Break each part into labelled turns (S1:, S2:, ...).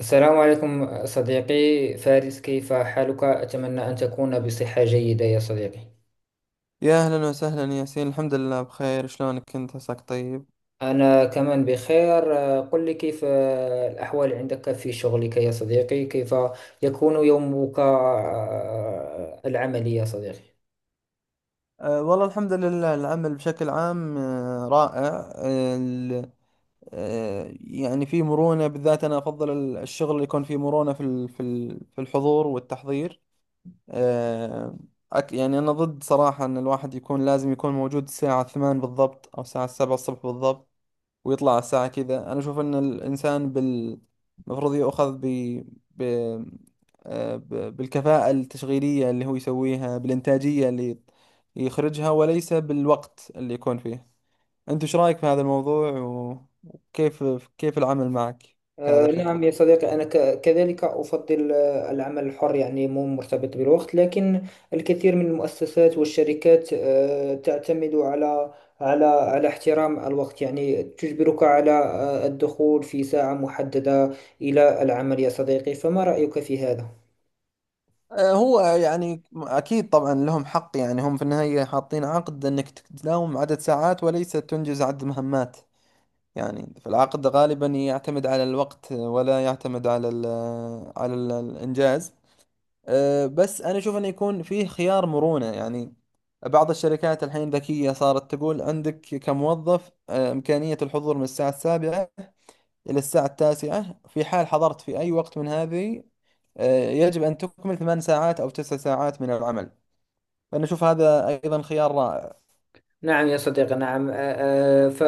S1: السلام عليكم صديقي فارس، كيف حالك؟ أتمنى أن تكون بصحة جيدة يا صديقي.
S2: يا أهلا وسهلا ياسين، الحمد لله بخير. شلونك أنت، عساك طيب؟
S1: أنا كمان بخير. قل لي، كيف الأحوال عندك في شغلك يا صديقي؟ كيف يكون يومك العملي يا صديقي؟
S2: والله الحمد لله، العمل بشكل عام رائع. يعني في مرونة، بالذات أنا أفضل الشغل اللي يكون فيه مرونة في في الحضور والتحضير. أه يعني أنا ضد صراحة أن الواحد يكون لازم يكون موجود الساعة 8 بالضبط أو الساعة 7 الصبح بالضبط ويطلع على الساعة كذا. أنا أشوف إن الإنسان المفروض يؤخذ ب... آه، ب... بالكفاءة التشغيلية اللي هو يسويها، بالإنتاجية اللي يخرجها، وليس بالوقت اللي يكون فيه. أنت إيش رأيك في هذا الموضوع وكيف العمل معك في هذا الفكر؟
S1: نعم يا صديقي، أنا كذلك أفضل العمل الحر، يعني مو مرتبط بالوقت، لكن الكثير من المؤسسات والشركات تعتمد على على احترام الوقت، يعني تجبرك على الدخول في ساعة محددة إلى العمل يا صديقي. فما رأيك في هذا؟
S2: هو يعني أكيد طبعا لهم حق، يعني هم في النهاية حاطين عقد أنك تداوم عدد ساعات وليس تنجز عدد مهمات. يعني في العقد غالبا يعتمد على الوقت ولا يعتمد على ال الإنجاز بس أنا أشوف أنه يكون فيه خيار مرونة. يعني بعض الشركات الحين ذكية، صارت تقول عندك كموظف إمكانية الحضور من الساعة السابعة إلى الساعة التاسعة، في حال حضرت في أي وقت من هذه يجب أن تكمل ثمان ساعات أو تسع ساعات من العمل. فأنا أشوف هذا أيضا خيار رائع.
S1: نعم يا صديقي، نعم. آه، آه، ف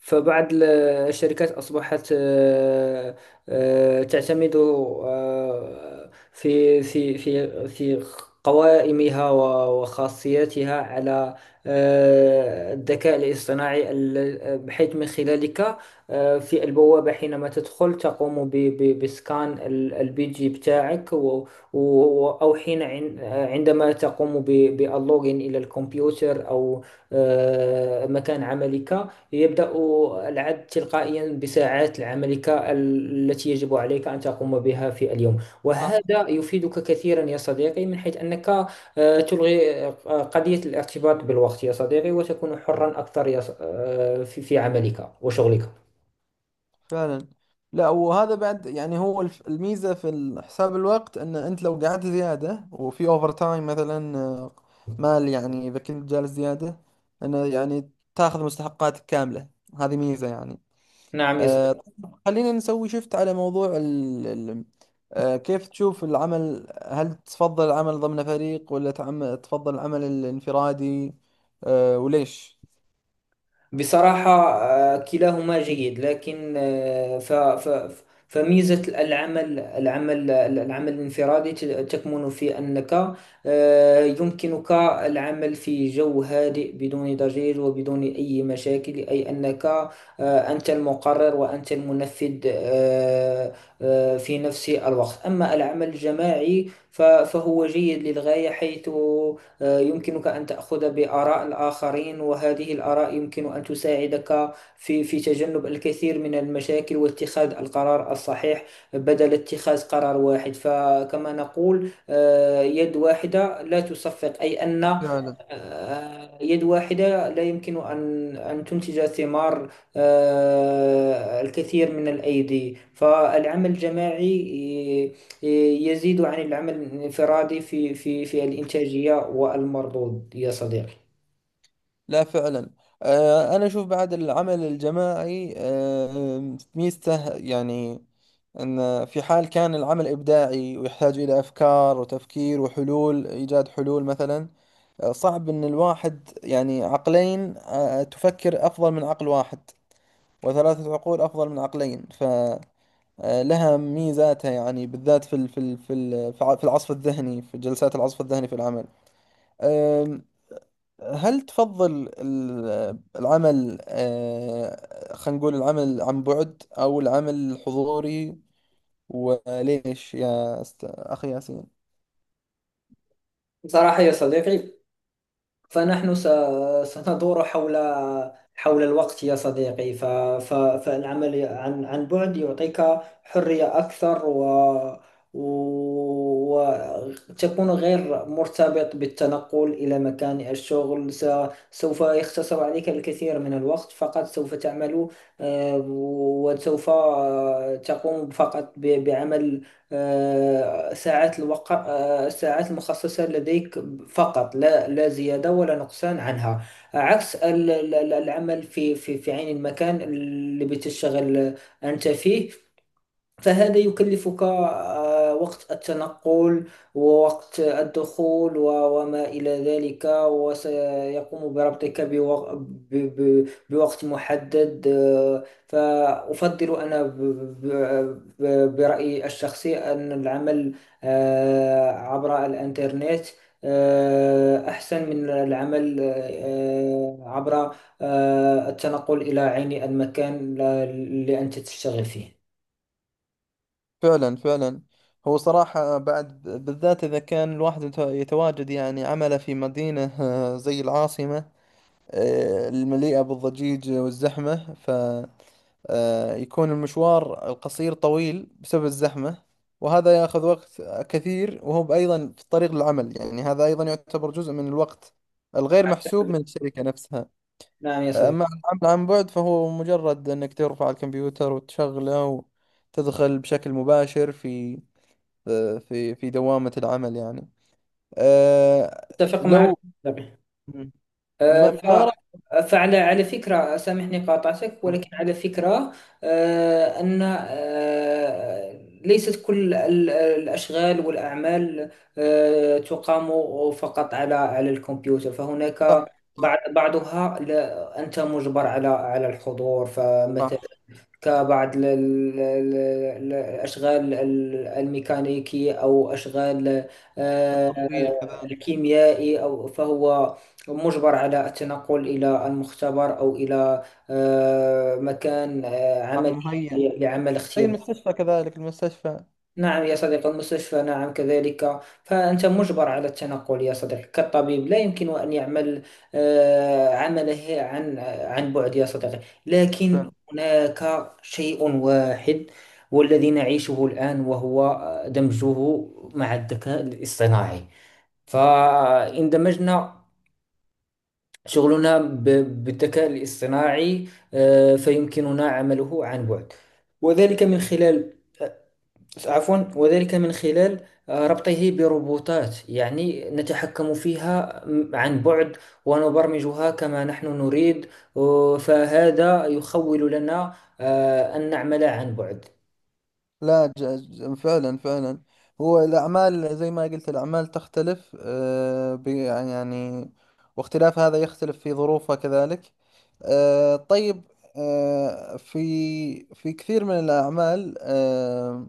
S1: فبعض الشركات أصبحت تعتمد في قوائمها وخاصياتها على الذكاء الاصطناعي، بحيث من خلالك في البوابة حينما تدخل تقوم بسكان البيجي بتاعك، أو عندما تقوم باللوجين إلى الكمبيوتر أو مكان عملك، يبدأ العد تلقائيا بساعات عملك التي يجب عليك أن تقوم بها في اليوم. وهذا يفيدك كثيرا يا صديقي، من حيث أنك تلغي قضية الارتباط بالوقت يا صديقي، وتكون حرا أكثر يا في عملك وشغلك.
S2: فعلا. لا، وهذا بعد يعني هو الميزة في حساب الوقت، ان انت لو قعدت زيادة وفي اوفر تايم مثلا، مال يعني اذا كنت جالس زيادة انه يعني تاخذ مستحقاتك كاملة. هذه ميزة يعني.
S1: نعم يا صديقي.
S2: آه، خلينا نسوي شفت على موضوع ال ال آه، كيف تشوف العمل. هل تفضل العمل ضمن فريق ولا تفضل العمل الانفرادي؟ وليش؟
S1: بصراحة كلاهما جيد، لكن آه، ف ف فميزة العمل الانفرادي تكمن في أنك يمكنك العمل في جو هادئ بدون ضجيج وبدون أي مشاكل، أي أنك أنت المقرر وأنت المنفذ في نفس الوقت. أما العمل الجماعي فهو جيد للغاية، حيث يمكنك أن تأخذ بآراء الآخرين، وهذه الآراء يمكن أن تساعدك في تجنب الكثير من المشاكل واتخاذ القرار الصحيح بدل اتخاذ قرار واحد. فكما نقول يد واحدة لا تصفق، أي أن
S2: فعلا.
S1: يد واحدة لا يمكن أن تنتج ثمار الكثير من الأيدي. فالعمل الجماعي يزيد عن العمل الانفرادي في الإنتاجية والمردود يا صديقي.
S2: لا فعلا. أنا أشوف بعد العمل الجماعي ميزته يعني أن في حال كان العمل إبداعي ويحتاج إلى أفكار وتفكير وحلول، إيجاد حلول مثلا. صعب أن الواحد يعني، عقلين تفكر أفضل من عقل واحد، وثلاثة عقول أفضل من عقلين. فلها ميزاتها يعني، بالذات في في العصف الذهني، في جلسات العصف الذهني في العمل. هل تفضل العمل، خلينا نقول، العمل عن بعد أو العمل الحضوري؟ وليش يا أخي ياسين؟
S1: بصراحة يا صديقي، فنحن س- سندور حول الوقت يا صديقي. فالعمل عن بعد يعطيك حرية أكثر، و وتكون غير مرتبط بالتنقل إلى مكان الشغل. سوف يختصر عليك الكثير من الوقت، فقط سوف تعمل وسوف تقوم فقط بعمل آه، ساعات الوقت الساعات المخصصة لديك فقط، لا لا زيادة ولا نقصان عنها. عكس العمل في عين المكان اللي بتشتغل أنت فيه، فهذا يكلفك وقت التنقل ووقت الدخول وما إلى ذلك، وسيقوم بربطك بوقت محدد. فأفضل أنا برأيي الشخصي أن العمل عبر الإنترنت أحسن من العمل عبر التنقل إلى عين المكان لأنت تشتغل فيه.
S2: فعلا فعلا. هو صراحة بعد بالذات إذا كان الواحد يتواجد يعني عمله في مدينة زي العاصمة المليئة بالضجيج والزحمة، يكون المشوار القصير طويل بسبب الزحمة، وهذا يأخذ وقت كثير. وهو أيضا في الطريق للعمل، يعني هذا أيضا يعتبر جزء من الوقت الغير محسوب من الشركة نفسها.
S1: نعم يا صديقي،
S2: أما العمل عن بعد فهو مجرد أنك ترفع الكمبيوتر وتشغله وتدخل بشكل مباشر في في دوامة العمل يعني. أه
S1: اتفق معك
S2: لو
S1: بالطبع. آه، ف
S2: ما رأيك؟
S1: فعلى فكرة، سامحني قاطعتك، ولكن على فكرة آه، أن آه، ليست كل الأشغال والأعمال تقام فقط على الكمبيوتر. فهناك
S2: صح، صح.
S1: بعضها لا، أنت مجبر على الحضور، فمثلا
S2: صح،
S1: كبعض الأشغال الميكانيكية أو أشغال آه،
S2: التطبيق كذلك.
S1: الكيميائي، أو فهو مجبر على التنقل إلى المختبر أو إلى مكان
S2: صح،
S1: عملي
S2: مهيأ.
S1: لعمل
S2: أي،
S1: اختبار.
S2: المستشفى كذلك، المستشفى.
S1: نعم يا صديقي، المستشفى، نعم كذلك. فأنت مجبر على التنقل يا صديقي، كالطبيب لا يمكن أن يعمل عمله عن بعد يا صديقي. لكن
S2: فعلا.
S1: هناك شيء واحد والذي نعيشه الآن، وهو دمجه مع الذكاء الاصطناعي. فإن دمجنا شغلنا بالذكاء الاصطناعي فيمكننا عمله عن بعد، وذلك من خلال، عفوا، وذلك من خلال ربطه بروبوتات، يعني نتحكم فيها عن بعد ونبرمجها كما نحن نريد. فهذا يخول لنا أن نعمل عن بعد.
S2: لا ج- ج- فعلا فعلا. هو الأعمال زي ما قلت، الأعمال تختلف يعني واختلاف هذا يختلف في ظروفها كذلك. طيب، آه، في في كثير من الأعمال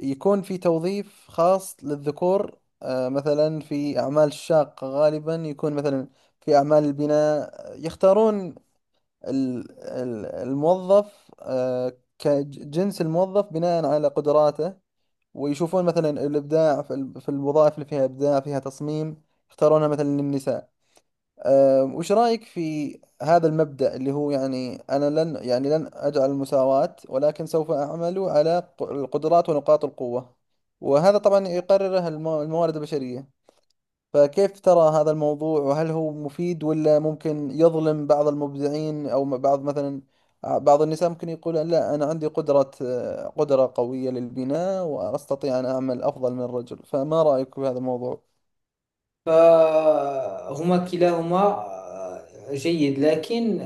S2: يكون في توظيف خاص للذكور. مثلا في أعمال الشاقة غالبا يكون مثلا في أعمال البناء، يختارون الموظف كجنس الموظف بناء على قدراته. ويشوفون مثلا الإبداع في في الوظائف اللي فيها إبداع، فيها تصميم، يختارونها مثلا للنساء. وش رأيك في هذا المبدأ اللي هو يعني أنا لن يعني لن أجعل المساواة، ولكن سوف أعمل على القدرات ونقاط القوة، وهذا طبعا يقرره الموارد البشرية. فكيف ترى هذا الموضوع؟ وهل هو مفيد ولا ممكن يظلم بعض المبدعين أو بعض مثلا بعض النساء، ممكن يقول لا، أنا عندي قدرة قدرة قوية للبناء وأستطيع أن أعمل أفضل من الرجل؟ فما رأيك في هذا الموضوع؟
S1: فهما كلاهما جيد، لكن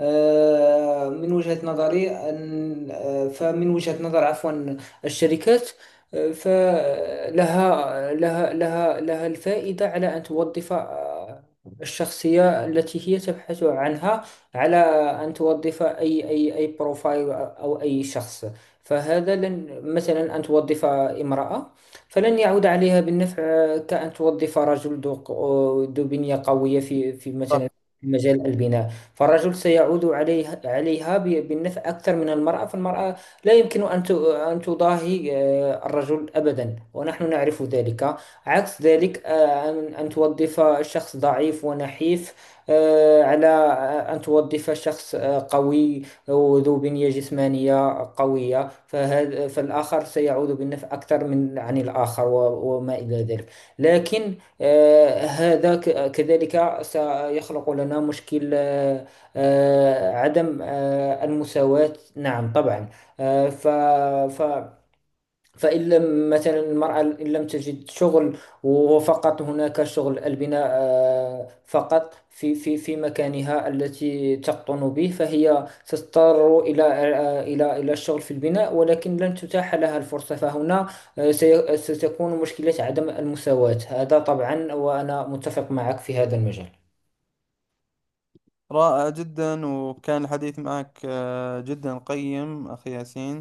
S1: آه، من وجهة نظري أن آه، فمن وجهة نظر، عفوا، الشركات، آه، فلها لها لها لها الفائدة على أن توظف الشخصية التي هي تبحث عنها، على أن توظف أي بروفايل أو أي شخص. فهذا، لن مثلا أن توظف امرأة فلن يعود عليها بالنفع، كأن توظف رجل ذو بنية قوية في مثلا
S2: صح.
S1: في مجال البناء، فالرجل سيعود عليها بالنفع أكثر من المرأة. فالمرأة لا يمكن أن تضاهي الرجل أبدا، ونحن نعرف ذلك. عكس ذلك أن توظف شخص ضعيف ونحيف آه، على آه، أن توظف شخص قوي وذو بنية جسمانية قوية، فهذا، فالآخر سيعود بالنفع أكثر من عن الآخر، وما إلى ذلك. لكن هذا كذلك سيخلق لنا مشكل عدم المساواة، نعم طبعا. آه، ف ف- فإن لم مثلا المرأة إن لم تجد شغل، وفقط هناك شغل البناء فقط في مكانها التي تقطن به، فهي تضطر إلى إلى الشغل في البناء، ولكن لن تتاح لها الفرصة. فهنا ستكون مشكلة عدم المساواة، هذا طبعا، وأنا متفق معك في هذا المجال.
S2: رائع جدا، وكان الحديث معك جدا قيم، أخي ياسين.